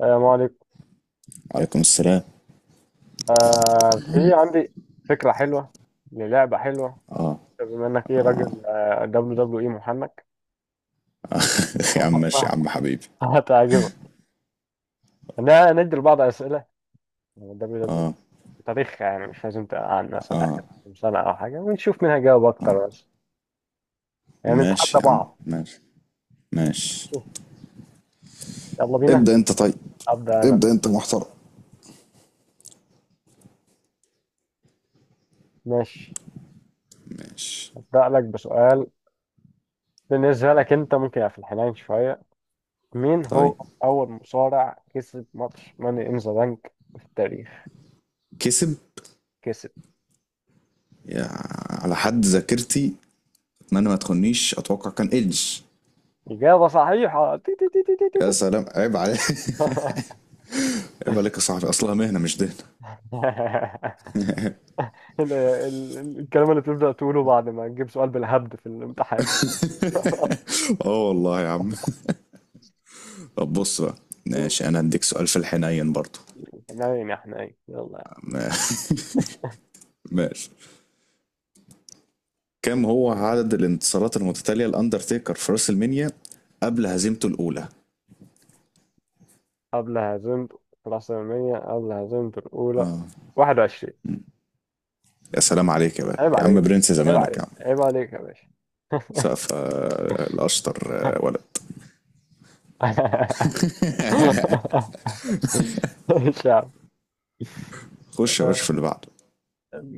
السلام عليكم. وعليكم السلام. في عندي فكرة حلوة، للعبة حلوة، بما انك راجل دبليو دبليو اي محنك. يا عم ماشي، يا عم حبيبي. هتعجبك. انا ندي لبعض اسئلة دبليو دبليو، تاريخ، يعني مش لازم عن مثلا اخر كام سنة او حاجة، ونشوف مين هيجاوب اكتر، بس يعني نتحدى ماشي يا عم، بعض. ماشي. ماشي. يلا بينا. ابدأ انت طيب. ابدا انا. ابدأ انت محترم. ماشي، ماشي. ابدا لك بسؤال. بالنسبة لك انت، ممكن يبقى في الحنين شوية. مين طيب. هو اول مصارع كسب ماتش ماني ان ذا بانك في التاريخ؟ كسب. كسب. يا، على حد ذاكرتي اتمنى ما تخنيش، اتوقع كان ايدج. إجابة صحيحة. تي تي تي تي تي تي يا تي. سلام، عيب عليك. عيب عليك يا صاحبي، اصلها مهنه مش دهنه. الكلام اللي بتبدأ تقوله بعد ما تجيب سؤال بالهبد في الامتحان. اه والله يا عم. طب بص بقى، ماشي. انا هديك سؤال في الحنين برضه. حنين يا حنين، يلا. ما- ماشي. كم هو عدد الانتصارات المتتاليه لاندرتيكر في راس المنيا قبل هزيمته الاولى؟ قبل هزمت العاصمية، قبل هزمت الأولى، 21. يا سلام عليك يا بقى، عيب يا عم عليك، برنس عيب زمانك يا عليك، عم. عيب عليك يا باشا. سقف الاشطر. ولد. مش عارف. خش يا باشا في اللي بعده.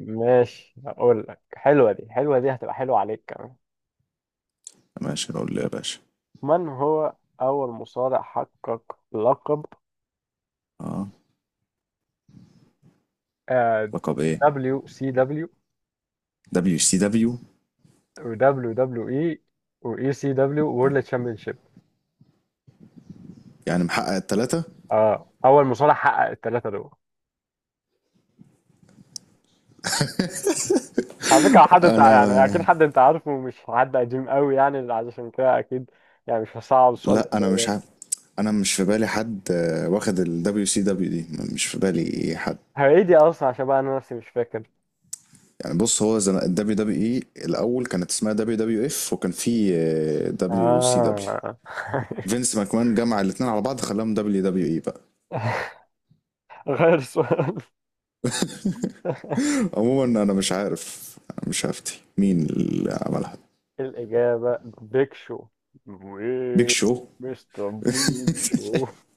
ماشي هقول لك، حلوة دي، حلوة دي هتبقى حلوة عليك كمان. ماشي، اقول له يا باشا. من هو أول مصارع حقق لقب، اه. آه، لقب ايه؟ WCW دبليو سي دبليو. و WWE و ECW World Championship؟ يعني محقق التلاتة. اه، أول مصارع حقق الثلاثة دول. على فكرة حد أنت يعني، أكيد انا، حد أنت عارفه، مش حد قديم قوي يعني، عشان كده أكيد يعني مش هصعب السؤال لا انا مش ده. عارف. انا مش في بالي حد واخد الدبليو سي دبليو دي. مش في بالي حد. هي دي أصلا عشان بقى أنا نفسي مش فاكر. يعني بص، هو الدبليو دبليو اي الاول كانت اسمها دبليو دبليو اف، وكان في دبليو سي دبليو. آه. فينس ماكمان جمع الاثنين على بعض، خلاهم دبليو دبليو اي بقى. غير السؤال. عموما انا مش عارف، مش هفتي مين اللي عملها. الإجابة بيك شو. بيك وإيه؟ شو. مستر بيك شو.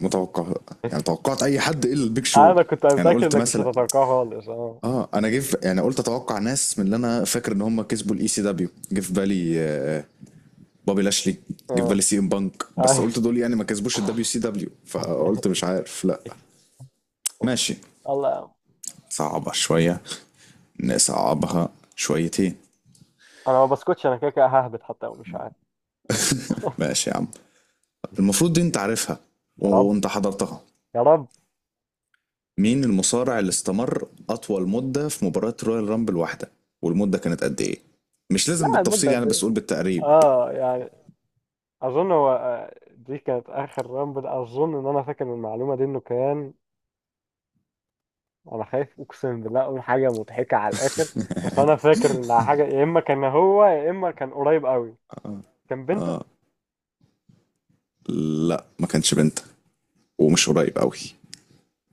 متوقع. يعني توقعت اي حد الا البيك شو. أنا كنت يعني متأكد قلت إنك مش مثلا، هتتوقعها خالص. أه. اه انا يعني قلت اتوقع ناس من اللي انا فاكر ان هم كسبوا الاي سي دبليو. جه في بالي بابي لاشلي. جه في أه. بالي سي ام بانك، بس أيوة. قلت دول يعني ما كسبوش الدبليو سي دبليو، فقلت مش عارف لا. ماشي. الله. صعبة شوية، نصعبها شويتين. أنا ما بسكتش، أنا كده كده ههبط حتى لو مش عارف. ماشي يا عم، المفروض دي انت عارفها. يا رب، وانت حضرتها. يا رب. مين المصارع اللي استمر أطول مدة في مباراة رويال رامبل واحدة، والمدة كانت قد إيه؟ مش لازم لا المدة بالتفصيل قد يعني، بس إيه؟ قول بالتقريب. أه يعني، أظن هو، دي كانت آخر رامبل، أظن إن أنا فاكر المعلومة دي، إنه كان، أنا خايف أقسم بالله أقول حاجة مضحكة على الآخر، بس أنا فاكر إنها حاجة يا إما كان هو، يا إما كان قريب أوي. كان بنته. لا ما كانش بنت، ومش قريب قوي.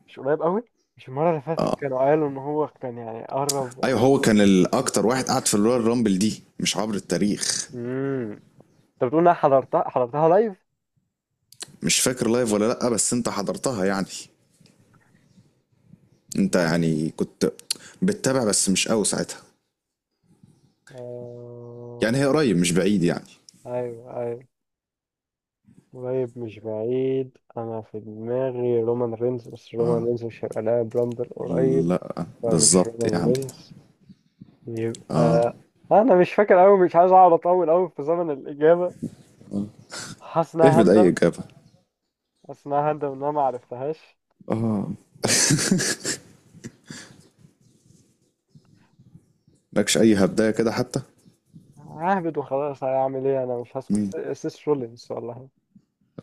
مش قريب قوي. مش المره اللي فاتت كانوا قالوا ان هو كان يعني قرب. ايوه، هو كان الاكتر واحد قعد في الرويال رامبل دي، مش عبر التاريخ. امم انت بتقول انا حضرتها، حضرتها لايف. مش فاكر لايف ولا لا، بس انت حضرتها يعني. انت يعني كنت بتتابع بس مش قوي ساعتها. يعني آه... هي قريب مش بعيد يعني. ايوه ايوه، قريب مش بعيد، انا في دماغي رومان رينز، بس رومان رينز مش هيبقى لاعب رامبل قريب. لا فمش بالظبط رومان يعني. رينز يبقى. انا مش فاكر قوي، مش عايز اقعد اطول قوي في زمن الاجابه. حاسس ان انا اهبد اي هندم. اجابه، حاسس ان انا هندم ان انا ما عرفتهاش. مالكش اي هبدايه كده حتى؟ ههبد وخلاص، هعمل ايه، انا مش هسكت. سيس رولينز والله.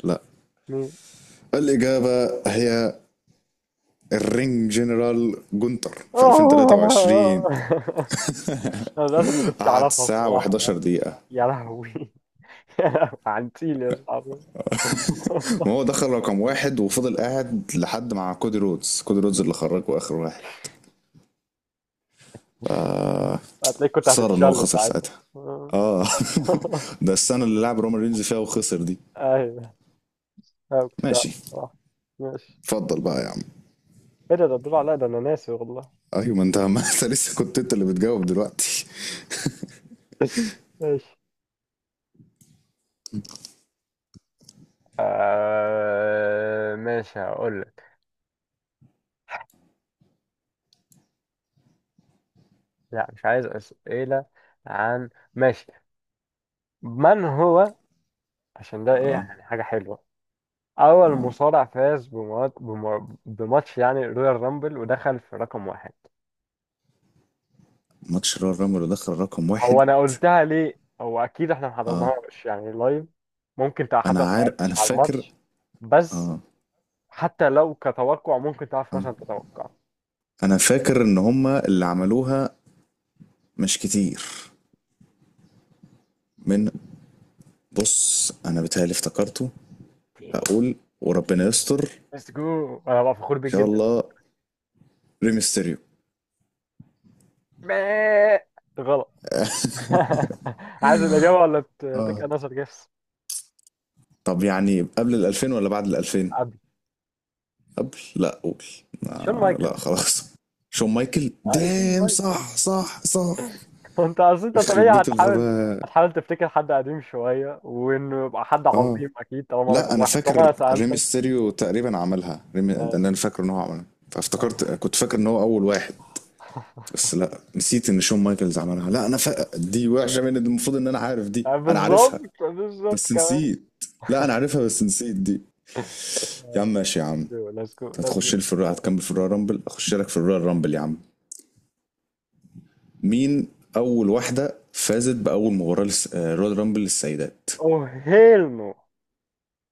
لا. مين؟ الإجابة هي الرينج جنرال جونتر في 2023. آه. انا للاسف ما كنتش قعد اعرفها ساعة الصراحه، و11 لا. دقيقة، يا لهوي. يا لهوي، عنتيل يا صاحبي. وهو دخل رقم واحد وفضل قاعد لحد مع كودي رودز. كودي رودز اللي خرجه آخر واحد. آه. هتلاقيك كنت خسارة إن هو هتتشل خسر ساعتها. ساعتها. آه. آه. ده السنة اللي لعب رومان رينز فيها وخسر دي. ايوه، انا ما كنتش اعرف ماشي. الصراحه. ماشي. اتفضل بقى يا عم. ايه ده؟ ده الدور عليا؟ ده انا ناسي والله. أيوة ما أنت، ما أنت لسه كنت أنت اللي بتجاوب دلوقتي. ماشي. آه ماشي هقول لك. لا، مش عايز أسئلة عن، ماشي، من هو، عشان ده ايه آه. يعني حاجة حلوة، أول آه. مصارع فاز بموتش يعني رودر رامبل ودخل في رقم واحد. ماتش رامر دخل رقم واحد. هو أنا قلتها لي أو أكيد إحنا حضرنا، آه. مش يعني لايم، ممكن تعرف حتى أنا عارف، قررتش أنا على فاكر. ماتش، بس آه. حتى لو كتوقع ممكن تعرف آه. ماشان تتوقع. انا فاكر ان هما اللي عملوها. مش كتير. من. بص انا بيتهيألي افتكرته. تاني. هقول وربنا تاني. يستر. ان مستكو أنا بفخور شاء بجدنا. الله، ريمستيريو. مااا. تغلب. عايز الأجاوة اللي تتك اه. أنا صار جس. طب يعني قبل ال 2000 ولا بعد ال 2000؟ أبي. قبل، لا قول. شلون ما آه يكون؟ لا خلاص، شون مايكل آه، شلون دام. ما يكون؟ صح صح صح. انت اصل انت يخرب طبيعي بيت هتحاول، الغباء. هتحاول تفتكر حد قديم شويه وانه يبقى حد اه عظيم اكيد طالما لا، رقم انا واحد طالما فاكر انا سالتك. ريمستيريو تقريبا عملها. انا يعني. فاكر ان هو عملها، فافتكرت، كنت فاكر ان هو اول واحد. بس لا، نسيت ان شون مايكلز عملها. لا انا فاق، دي وحشه، من المفروض ان انا عارف دي، انا عارفها بالظبط بالظبط بس كمان. نسيت. لا انا عارفها بس نسيت دي. يا عم ماشي يا Let's عم. go, let's go, let's go. هتخش لي في الرويال، هتكمل في الرويال رامبل، اخش لك في الرويال رامبل يا عم. مين اول واحده فازت باول مباراه رويال رامبل للسيدات؟ Oh hell no.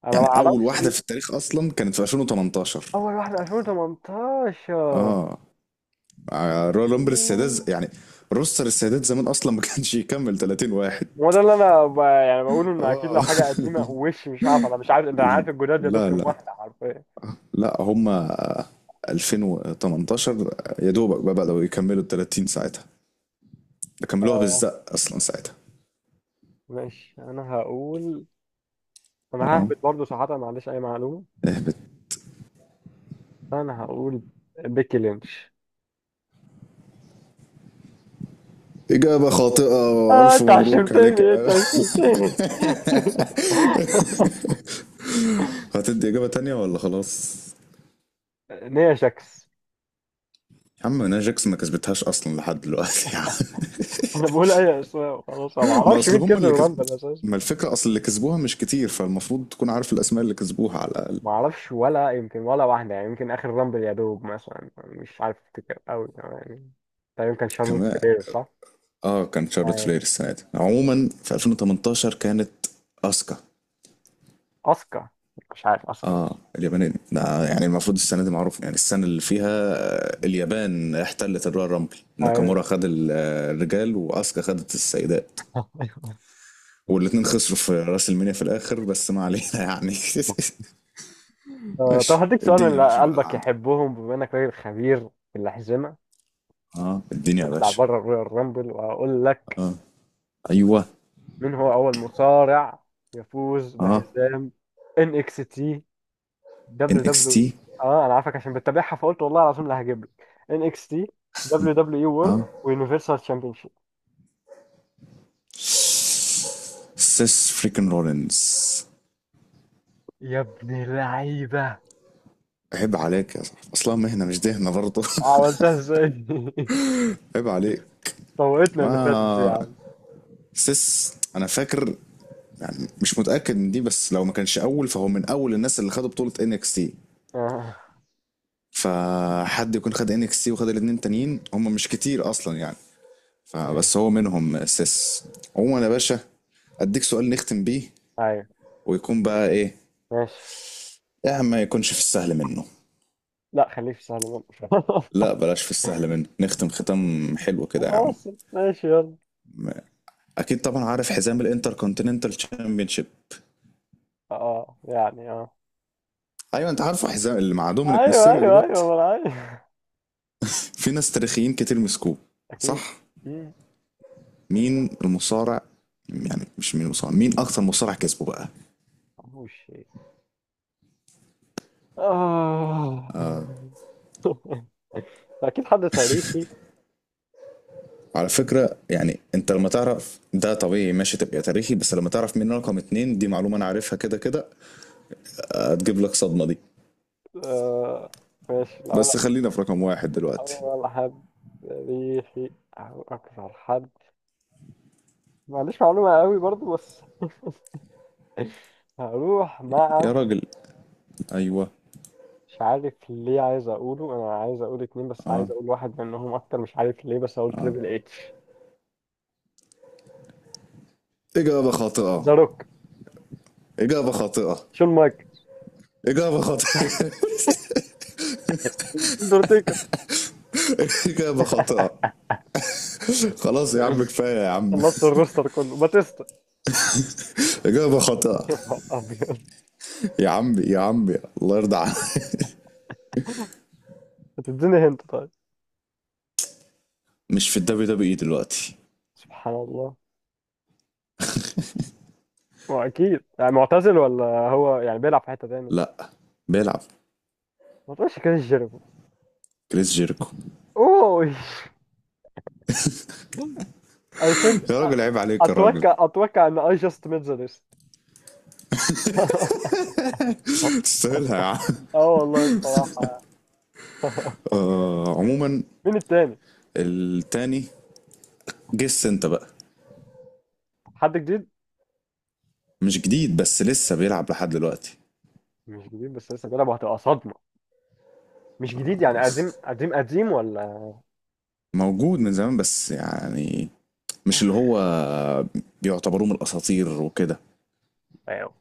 انا ما يعني اول اعرفش. واحده في التاريخ اصلا كانت في 2018. اول واحده 2018. اه. رويال رامبل السيدات، أوه. يعني روستر السيدات زمان اصلا ما كانش يكمل 30 واحد. هو ده اللي انا ب، يعني بقوله ان اكيد لو اه. حاجه قديمه وش، مش عارف انا، مش عارف انت عارف الجداد يا دوب لا كام لا واحده حرفيا. لا، هما 2018 يا دوبك بقى بدأوا يكملوا ال 30 ساعتها. ده كملوها آه، بالزق اصلا ساعتها. ماشي انا هقول، انا اه. ههبط برضه صراحه، ما عنديش اي معلومه. اهبط. انا هقول بيكي لينش. إجابة خاطئة، اه وألف انت مبروك عليك يا عشمتني، انت بابا. عشمتني. هتدي إجابة تانية ولا خلاص؟ نيا شكس. يا عم ناجكس ما كسبتهاش أصلا لحد دلوقتي يا عم. انا بقول اي اسماء وخلاص، أنا ما ما اعرفش أصل مين هم كسب اللي كسب، الرامبل اساسا. ما الفكرة أصل اللي كسبوها مش كتير، فالمفروض تكون عارف الأسماء اللي كسبوها على الأقل. ما اعرفش ولا يمكن ولا واحده يعني، يمكن اخر رامبل يا دوب مثلا، مش عارف افتكر قوي يعني. طيب كان شارلوت كمان. فلير صح؟ اه، كان شارلوت فلير آه، السنة دي. عموما في 2018 كانت أسكا. اسكا. مش عارف اسكا. اه، اليابانية ده. يعني المفروض السنة دي معروف، يعني السنة اللي فيها اليابان احتلت الرويال رامبل. ايوه. ناكامورا خد الرجال، وأسكا خدت السيدات. والاتنين خسروا في راس المينيا في الآخر بس ما علينا يعني. طب ماشي. هديك سؤال من الدنيا يا اللي باشا بقى اللي قلبك عندك. يحبهم، بما انك راجل خبير في الاحزمه. اه الدنيا يا نطلع باشا. بره الرويال رامبل واقول لك. اه. ايوه. من هو أول مصارع يفوز اه. بحزام ان اكس تي ان دبليو اكس دبليو؟ تي. اه انا عارفك عشان بتتابعها فقلت والله العظيم اللي هجيب لك. ان اكس تي دبليو دبليو اي اه. وورلد ويونيفرسال شيب. سيس فريكن رولينز. يا ابن اللعيبه. عيب عليك يا صاحبي، اصلا مهنه مش دهنه برضه. عملتها ازاي؟ عيب عليك. فوقتنا اللي فاتت دي يا ما عم. سيس، انا فاكر، يعني مش متاكد من دي بس لو ما كانش اول فهو من اول الناس اللي خدوا بطوله ان اكس تي. اه. فحد يكون خد ان اكس تي وخد الاتنين تانيين هم مش كتير اصلا يعني. تمام. فبس هو منهم سيس. عموما يا باشا، اديك سؤال نختم بيه، ايوه، ويكون بقى ايه. ماشي. إيه يا عم، ما يكونش في السهل منه. لا خليك في سهل منه. لا بلاش في السهل منه، نختم ختام حلو كده يا عم. متوسط، ماشي يلا. اكيد طبعا عارف حزام الانتر كونتيننتال تشامبيونشيب. اه يعني اه. ايوه انت عارفه، حزام اللي مع دومينيك ايوه ميستيريو ايوه دلوقتي. ايوه ما انا عارف. في ناس تاريخيين كتير مسكوه، اكيد. صح؟ مم. مين المصارع، يعني مش مين المصارع، مين اكتر مصارع كسبه بقى؟ مش، آه. أكيد حد تاريخي. على فكرة يعني انت لما تعرف ده طبيعي ماشي تبقى تاريخي، بس لما تعرف مين رقم اتنين دي معلومة انا عارفها كده كده، هتجيب لك صدمة دي. آه. ماشي الأول. بس خلينا في رقم واحد دلوقتي. أول حد تاريخي أو أكثر حد. ما عنديش معلومة قوي برضو بس. هروح مع، يا راجل. ايوه. مش عارف ليه عايز أقوله، أنا عايز أقول اتنين بس عايز اه، أقول واحد منهم أكتر مش عارف ليه، بس أقول تريبل اتش. اجابة خاطئة. ذا روك. اجابة خاطئة. شون مايك. إجابة خاطئة. اندرتيكر. إجابة خاطئة. خلاص يا عم، كفاية يا عم. خلصت الروستر كله، باتيستا. إجابة خاطئة. يا نهار أبيض. يا عمي يا عمي، الله يرضى عليك. هتديني هنت طيب. مش في الدبليو دبليو اي دلوقتي. سبحان الله. ما هو اكيد يعني معتزل ولا هو يعني بيلعب في حته تاني. لا، بيلعب. ما تقولش كده جيربو. كريس جيركو. اوه. I think. يا راجل عيب عليك يا راجل. اتوقع اتوقع ان I just made the list. تستاهلها يا عم. اه والله الصراحه. عموما. مين التاني؟ التاني. جس انت بقى. حد جديد. مش جديد، بس لسه بيلعب لحد دلوقتي. مش جديد بس لسه بيلعب وهتبقى صدمه. مش جديد يعني قديم قديم قديم ولا، موجود من زمان بس يعني، مش اللي هو بيعتبروه من الاساطير وكده. ايوه،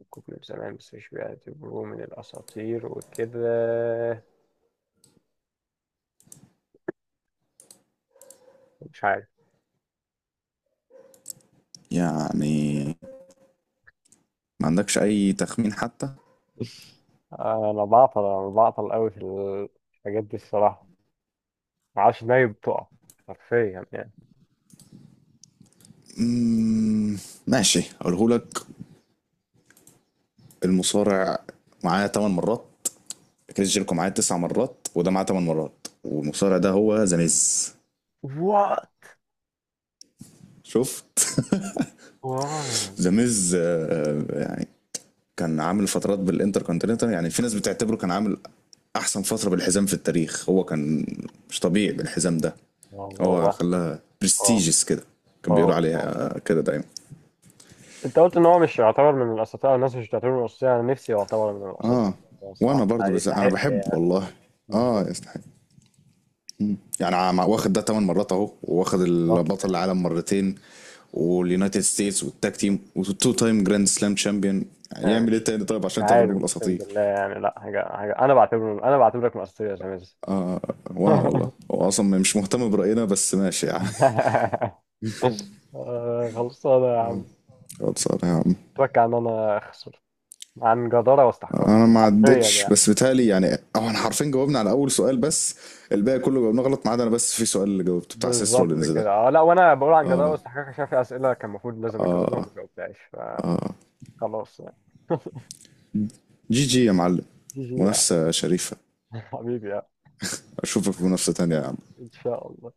ممكن من زمان بس مش بيعتبروه من الاساطير وكده. مش عارف. يعني ما عندكش اي تخمين حتى؟ انا بعطل قوي في الحاجات دي الصراحه. معرفش ازاي بتقع حرفيا يعني. مم، ماشي اقوله لك. المصارع معاه 8 مرات. كريس جيركو معاه 9 مرات وده معاه 8 مرات، والمصارع ده هو ذا ميز. واو. شفت؟ واو ذا ميز يعني كان عامل فترات بالانتر كونتيننتال، يعني في ناس بتعتبره كان عامل احسن فتره بالحزام في التاريخ، هو كان مش طبيعي بالحزام ده، واو واو. هو واو. خلاها واو. برستيجس كده، كان واو بيقولوا صح. عليها كده دايما. انت قلت ان هو مش يعتبر من الاساطير او الناس مش بتعتبره من الاساطير، انا نفسي يعتبر من الاساطير، اه، هو وانا صح برضو، بس انا يستحق بحب يعني. والله. مش، اه يستحق يعني. واخد ده 8 مرات اهو، واخد بالظبط البطل يعني. العالم مرتين واليونايتد ستيتس والتاج تيم، وتو تايم جراند سلام تشامبيون. يعني يعمل ايه مش تاني طيب مش عشان تعتبره عارف من اقسم الاساطير؟ بالله، يعني لا حاجه حاجه انا بعتبره، انا بعتبرك من الاساطير يا شمس. وانا والله، هو اصلا مش مهتم براينا بس ماشي يعني. خلصانه يا عم. اقعد صار يا عم. اتوقع ان انا اخسر عن جداره واستحقاق. انا ما حرفيا عدتش، يعني. بس بيتهيألي يعني. أو احنا حرفيا جاوبنا على اول سؤال بس، الباقي كله جاوبناه غلط ما عدا انا بس في سؤال اللي جاوبته بتاع سيس بالظبط رولينز ده. كده اه، لا وانا بقول عن جدارة واستحقاق عشان في اسئله كان المفروض لازم اجاوبها وما جاوبتهاش، فخلاص يعني. جي جي يا معلم. جي جي يعني. منافسه شريفه. حبيبي يعني. اشوفك في منافسه تانيه يا عم. ان شاء الله.